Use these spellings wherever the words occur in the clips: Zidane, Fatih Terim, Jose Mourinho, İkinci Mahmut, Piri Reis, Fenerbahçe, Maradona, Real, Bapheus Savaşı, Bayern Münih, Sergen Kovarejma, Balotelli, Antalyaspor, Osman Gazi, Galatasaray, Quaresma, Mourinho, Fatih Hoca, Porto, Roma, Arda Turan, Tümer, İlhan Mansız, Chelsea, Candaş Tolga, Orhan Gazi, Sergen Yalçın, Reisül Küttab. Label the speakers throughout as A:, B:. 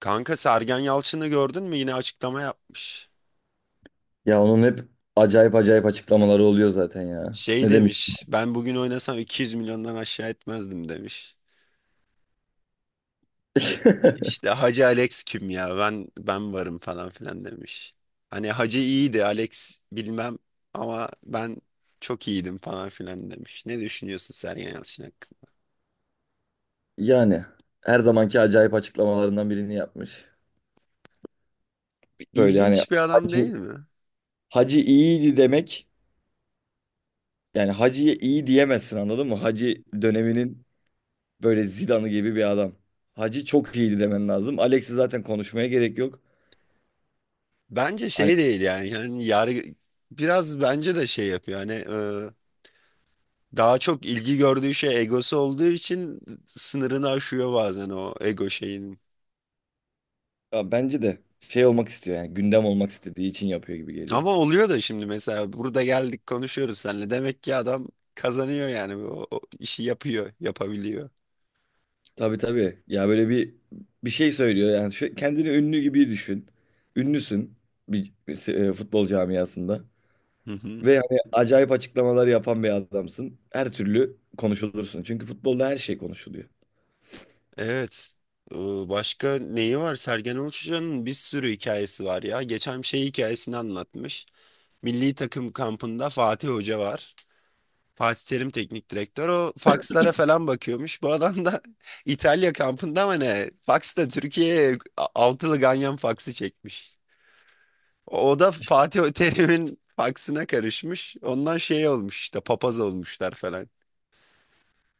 A: Kanka Sergen Yalçın'ı gördün mü? Yine açıklama yapmış.
B: Ya onun hep acayip acayip açıklamaları oluyor zaten ya.
A: Şey
B: Ne demek?
A: demiş, ben bugün oynasam 200 milyondan aşağı etmezdim demiş. İşte, işte Hacı Alex kim ya? Ben varım falan filan demiş. Hani Hacı iyiydi, Alex bilmem ama ben çok iyiydim falan filan demiş. Ne düşünüyorsun Sergen Yalçın hakkında?
B: Yani her zamanki acayip açıklamalarından birini yapmış. Böyle hani
A: İlginç bir adam
B: Hacı
A: değil mi?
B: Hacı iyiydi demek. Yani Hacı'ya iyi diyemezsin anladın mı? Hacı döneminin böyle Zidane'ı gibi bir adam. Hacı çok iyiydi demen lazım. Alex'i zaten konuşmaya gerek yok.
A: Bence
B: Hani
A: şey değil yani. Yani yargı biraz bence de şey yapıyor. Hani daha çok ilgi gördüğü şey egosu olduğu için sınırını aşıyor bazen o ego şeyinin.
B: ya bence de şey olmak istiyor yani gündem olmak istediği için yapıyor gibi geliyor.
A: Ama oluyor da şimdi mesela burada geldik konuşuyoruz seninle. Demek ki adam kazanıyor yani o işi yapıyor, yapabiliyor.
B: Tabii tabii. Ya böyle bir şey söylüyor yani şu, kendini ünlü gibi düşün. Ünlüsün bir futbol camiasında
A: Hı hı.
B: ve hani acayip açıklamalar yapan bir adamsın. Her türlü konuşulursun. Çünkü futbolda her şey konuşuluyor.
A: Evet. Ee, Başka neyi var? Sergen Yalçın'ın bir sürü hikayesi var ya. Geçen şey hikayesini anlatmış. Milli takım kampında Fatih Hoca var. Fatih Terim teknik direktör o fakslara falan bakıyormuş. Bu adam da İtalya kampında mı ne? Faksta Türkiye'ye altılı ganyan faksı çekmiş. O da Fatih Terim'in faksına karışmış. Ondan şey olmuş işte papaz olmuşlar falan.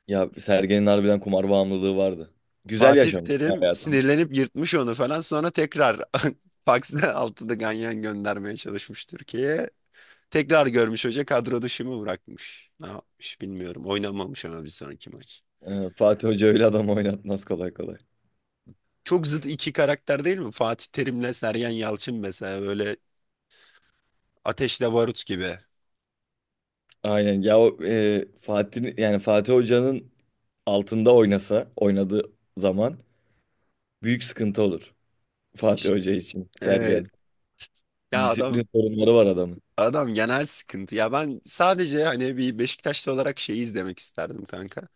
B: Ya Sergen'in harbiden kumar bağımlılığı vardı. Güzel
A: Fatih
B: yaşamış
A: Terim
B: hayatını.
A: sinirlenip yırtmış onu falan. Sonra tekrar faksla altılı ganyan göndermeye çalışmış Türkiye'ye. Tekrar görmüş hoca kadro dışı mı bırakmış? Ne yapmış bilmiyorum. Oynamamış ama bir sonraki maç.
B: Fatih Hoca öyle adam oynatmaz kolay kolay.
A: Çok zıt iki karakter değil mi? Fatih Terim'le Sergen Yalçın mesela böyle ateşle barut gibi.
B: Aynen ya o Fatih yani Fatih Hoca'nın altında oynadığı zaman büyük sıkıntı olur Fatih
A: İşte,
B: Hoca için
A: e,
B: Sergen.
A: ya adam
B: Disiplin sorunları var adamın.
A: adam genel sıkıntı. Ya ben sadece hani bir Beşiktaşlı olarak şeyi izlemek isterdim kanka.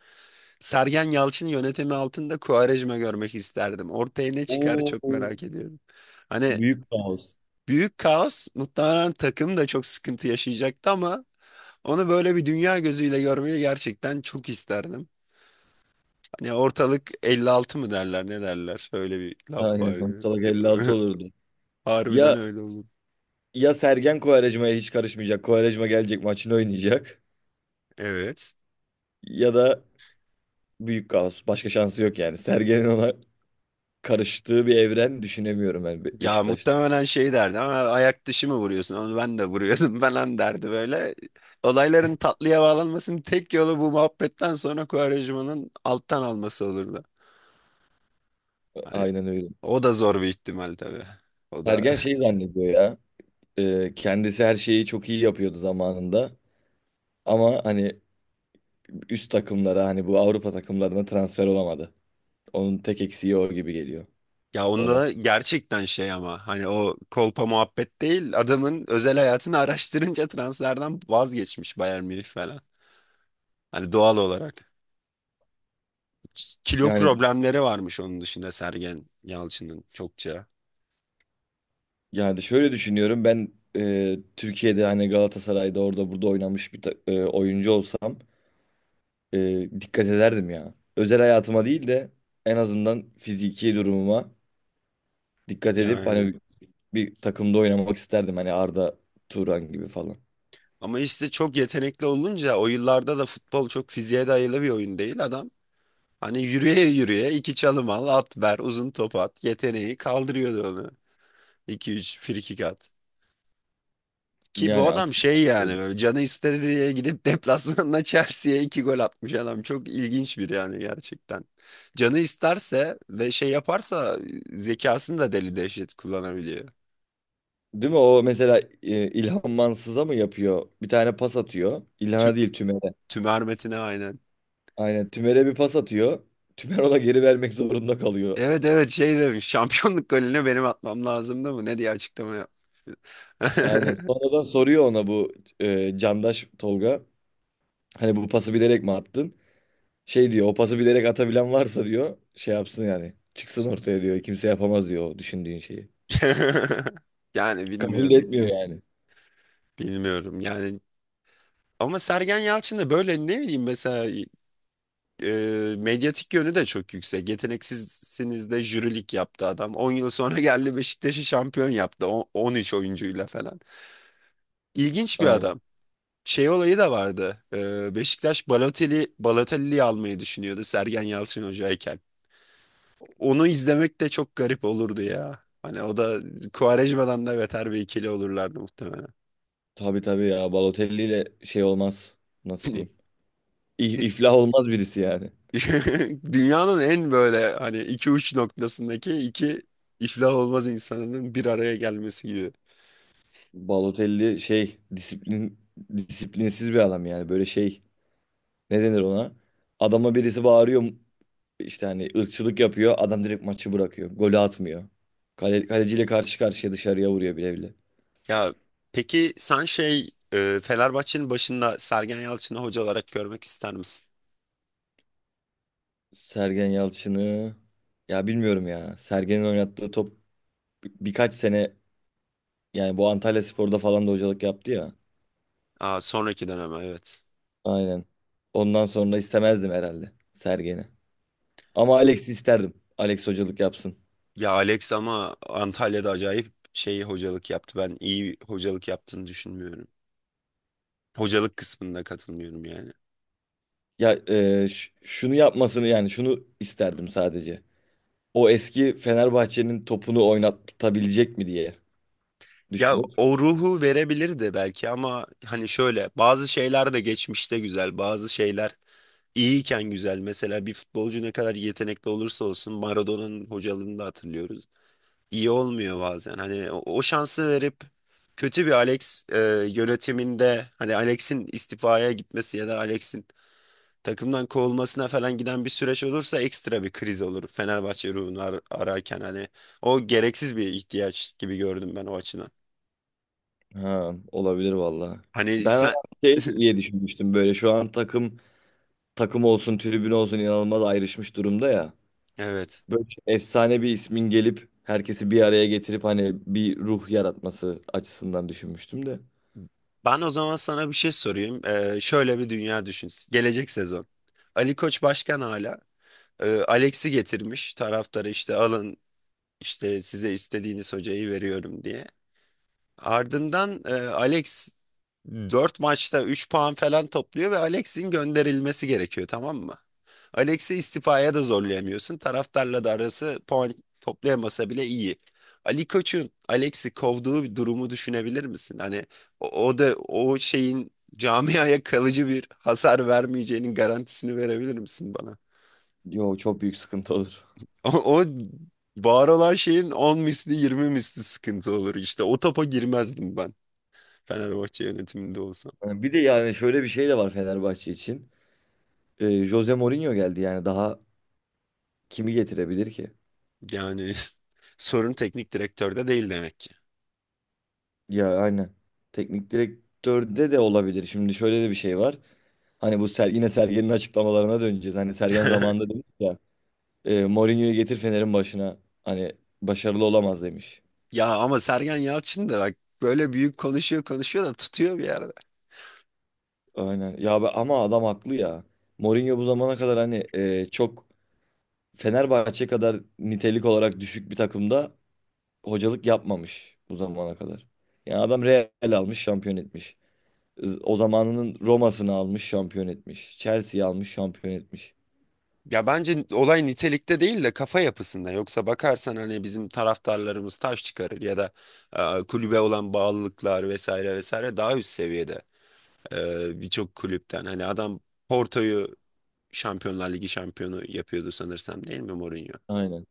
A: Sergen Yalçın yönetimi altında Quaresma görmek isterdim. Ortaya ne çıkar çok
B: Oo.
A: merak ediyorum. Hani
B: Büyük kaos.
A: büyük kaos muhtemelen takım da çok sıkıntı yaşayacaktı ama onu böyle bir dünya gözüyle görmeyi gerçekten çok isterdim. Ya ortalık 56 mı derler ne derler? Öyle bir laf var
B: Aynen.
A: ya.
B: Ortalık 56 olurdu.
A: Harbiden
B: Ya
A: öyle olur.
B: ya Sergen Kovarejma'ya hiç karışmayacak. Kovarejma gelecek maçını oynayacak.
A: Evet.
B: Ya da büyük kaos. Başka şansı yok yani. Sergen'in ona karıştığı bir evren düşünemiyorum ben
A: Ya
B: Beşiktaş'ta.
A: muhtemelen şey derdi ama ayak dışı mı vuruyorsun? Onu ben de vuruyordum falan derdi böyle. Olayların tatlıya bağlanmasının tek yolu bu muhabbetten sonra Kuvarecma'nın alttan alması olurdu. Hani
B: Aynen öyle.
A: o da zor bir ihtimal tabii. O da
B: Sergen şey zannediyor ya. Kendisi her şeyi çok iyi yapıyordu zamanında. Ama hani üst takımlara hani bu Avrupa takımlarına transfer olamadı. Onun tek eksiği o gibi geliyor
A: ya
B: ona.
A: onda gerçekten şey ama hani o kolpa muhabbet değil adamın özel hayatını araştırınca transferden vazgeçmiş Bayern Münih falan. Hani doğal olarak. Kilo
B: Yani
A: problemleri varmış onun dışında Sergen Yalçın'ın çokça.
B: yani şöyle düşünüyorum ben Türkiye'de hani Galatasaray'da orada burada oynamış bir oyuncu olsam dikkat ederdim ya. Özel hayatıma değil de en azından fiziki durumuma dikkat edip
A: Yani
B: hani bir takımda oynamak isterdim hani Arda Turan gibi falan.
A: ama işte çok yetenekli olunca o yıllarda da futbol çok fiziğe dayalı bir oyun değil adam. Hani yürüye yürüye iki çalım al, at ver, uzun top at. Yeteneği kaldırıyordu onu. 2-3 frikik at. Ki bu
B: Yani
A: adam
B: aslında
A: şey
B: öyle.
A: yani böyle canı istedi diye gidip deplasmanda Chelsea'ye iki gol atmış adam. Çok ilginç bir yani gerçekten. Canı isterse ve şey yaparsa zekasını da deli dehşet kullanabiliyor.
B: Değil mi o mesela İlhan Mansız'a mı yapıyor? Bir tane pas atıyor.
A: Tü
B: İlhan'a değil Tümer'e.
A: tümermetine aynen.
B: Aynen Tümer'e bir pas atıyor. Tümer ona geri vermek zorunda kalıyor.
A: Evet, evet, şey demiş şampiyonluk golünü benim atmam lazımdı mı ne diye açıklama yap.
B: Aynen. Sonradan soruyor ona bu Candaş Tolga. Hani bu pası bilerek mi attın? Şey diyor o pası bilerek atabilen varsa diyor şey yapsın yani. Çıksın ortaya diyor. Kimse yapamaz diyor o düşündüğün şeyi.
A: Yani
B: Kabul
A: bilmiyorum.
B: etmiyor yani.
A: Bilmiyorum yani ama Sergen Yalçın da böyle ne bileyim mesela medyatik yönü de çok yüksek. Yeteneksizsiniz de jürilik yaptı adam. 10 yıl sonra geldi Beşiktaş'ı şampiyon yaptı. 13 oyuncuyla falan. İlginç bir
B: Aynen.
A: adam. Şey olayı da vardı. Beşiktaş Balotelli'yi almayı düşünüyordu Sergen Yalçın hocayken. Onu izlemek de çok garip olurdu ya. Hani o da Quaresma'dan da beter bir ikili olurlardı muhtemelen.
B: Tabii tabii ya Balotelli ile şey olmaz. Nasıl diyeyim? İflah olmaz birisi yani.
A: Dünyanın en böyle hani iki uç noktasındaki iki iflah olmaz insanının bir araya gelmesi gibi.
B: Balotelli şey disiplinsiz bir adam yani. Böyle şey ne denir ona? Adama birisi bağırıyor işte hani ırkçılık yapıyor. Adam direkt maçı bırakıyor. Golü atmıyor. Kale, kaleciyle karşı karşıya dışarıya vuruyor bile bile.
A: Ya peki sen şey Fenerbahçe'nin başında Sergen Yalçın'ı hoca olarak görmek ister misin?
B: Sergen Yalçın'ı ya bilmiyorum ya. Sergen'in oynattığı top birkaç sene yani bu Antalyaspor'da falan da hocalık yaptı ya.
A: Aa, sonraki döneme evet.
B: Aynen. Ondan sonra istemezdim herhalde Sergen'i. Ama Alex'i isterdim. Alex hocalık yapsın.
A: Ya Alex ama Antalya'da acayip şey hocalık yaptı. Ben iyi hocalık yaptığını düşünmüyorum. Hocalık kısmında katılmıyorum yani.
B: Ya şunu yapmasını yani şunu isterdim sadece. O eski Fenerbahçe'nin topunu oynatabilecek mi diye
A: Ya
B: düşünüp.
A: o ruhu verebilirdi belki ama hani şöyle bazı şeyler de geçmişte güzel, bazı şeyler iyiyken güzel. Mesela bir futbolcu ne kadar yetenekli olursa olsun Maradona'nın hocalığını da hatırlıyoruz. İyi olmuyor bazen. Hani o şansı verip kötü bir Alex yönetiminde hani Alex'in istifaya gitmesi ya da Alex'in takımdan kovulmasına falan giden bir süreç olursa ekstra bir kriz olur. Fenerbahçe ruhunu ararken hani o gereksiz bir ihtiyaç gibi gördüm ben o açıdan.
B: Ha olabilir valla.
A: Hani
B: Ben
A: sen
B: şey diye düşünmüştüm böyle şu an takım olsun, tribün olsun inanılmaz ayrışmış durumda ya.
A: evet.
B: Böyle efsane bir ismin gelip herkesi bir araya getirip hani bir ruh yaratması açısından düşünmüştüm de.
A: Ben o zaman sana bir şey sorayım. Şöyle bir dünya düşün. Gelecek sezon. Ali Koç başkan hala. Alex'i getirmiş. Taraftarı işte alın, İşte size istediğiniz hocayı veriyorum diye. Ardından Alex 4 maçta 3 puan falan topluyor ve Alex'in gönderilmesi gerekiyor, tamam mı? Alex'i istifaya da zorlayamıyorsun. Taraftarla da arası puan toplayamasa bile iyi. Ali Koç'un Alex'i kovduğu bir durumu düşünebilir misin? Hani o da o şeyin camiaya kalıcı bir hasar vermeyeceğinin garantisini verebilir misin bana?
B: Yo çok büyük sıkıntı olur.
A: O, o var olan şeyin 10 misli 20 misli sıkıntı olur. İşte o topa girmezdim ben Fenerbahçe yönetiminde olsam.
B: Yani bir de yani şöyle bir şey de var Fenerbahçe için. Jose Mourinho geldi yani daha kimi getirebilir ki?
A: Yani sorun teknik direktörde değil demek ki.
B: Ya aynen. Teknik direktörde de olabilir. Şimdi şöyle de bir şey var. Hani bu yine Sergen'in açıklamalarına döneceğiz. Hani Sergen zamanında demiş ya. Mourinho'yu getir Fener'in başına. Hani başarılı olamaz demiş.
A: Ya ama Sergen Yalçın da bak böyle büyük konuşuyor konuşuyor da tutuyor bir yerde.
B: Aynen. Ya ama adam haklı ya. Mourinho bu zamana kadar hani e, çok Fenerbahçe kadar nitelik olarak düşük bir takımda hocalık yapmamış bu zamana kadar. Yani adam Real almış, şampiyon etmiş. O zamanının Roma'sını almış, şampiyon etmiş. Chelsea'yi almış, şampiyon etmiş.
A: Ya bence olay nitelikte değil de kafa yapısında. Yoksa bakarsan hani bizim taraftarlarımız taş çıkarır ya da kulübe olan bağlılıklar vesaire vesaire daha üst seviyede birçok kulüpten. Hani adam Porto'yu Şampiyonlar Ligi şampiyonu yapıyordu sanırsam değil mi Mourinho?
B: Aynen.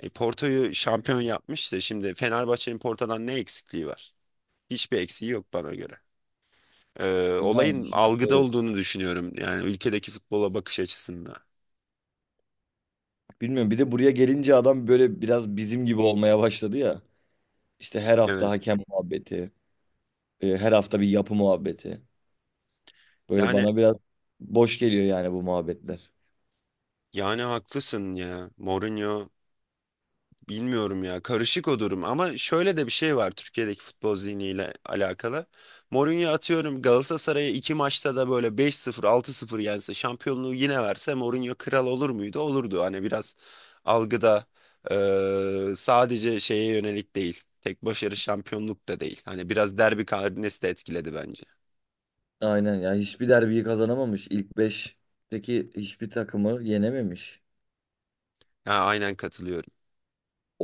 A: Porto'yu şampiyon yapmış da şimdi Fenerbahçe'nin Porto'dan ne eksikliği var? Hiçbir eksiği yok bana göre.
B: Yani
A: Olayın algıda
B: evet.
A: olduğunu düşünüyorum. Yani ülkedeki futbola bakış açısında.
B: Bilmiyorum. Bir de buraya gelince adam böyle biraz bizim gibi olmaya başladı ya. İşte her hafta
A: Evet.
B: hakem muhabbeti, her hafta bir yapı muhabbeti. Böyle
A: Yani
B: bana biraz boş geliyor yani bu muhabbetler.
A: yani haklısın ya. Mourinho. Bilmiyorum ya, karışık o durum ama şöyle de bir şey var Türkiye'deki futbol zihniyle alakalı. Mourinho atıyorum Galatasaray'a iki maçta da böyle 5-0 6-0 yense şampiyonluğu yine verse Mourinho kral olur muydu? Olurdu hani biraz algıda sadece şeye yönelik değil, tek başarı şampiyonluk da değil hani biraz derbi karnesi de etkiledi bence.
B: Aynen ya hiçbir derbiyi kazanamamış. İlk 5'teki hiçbir takımı yenememiş.
A: Ha, aynen katılıyorum.
B: O,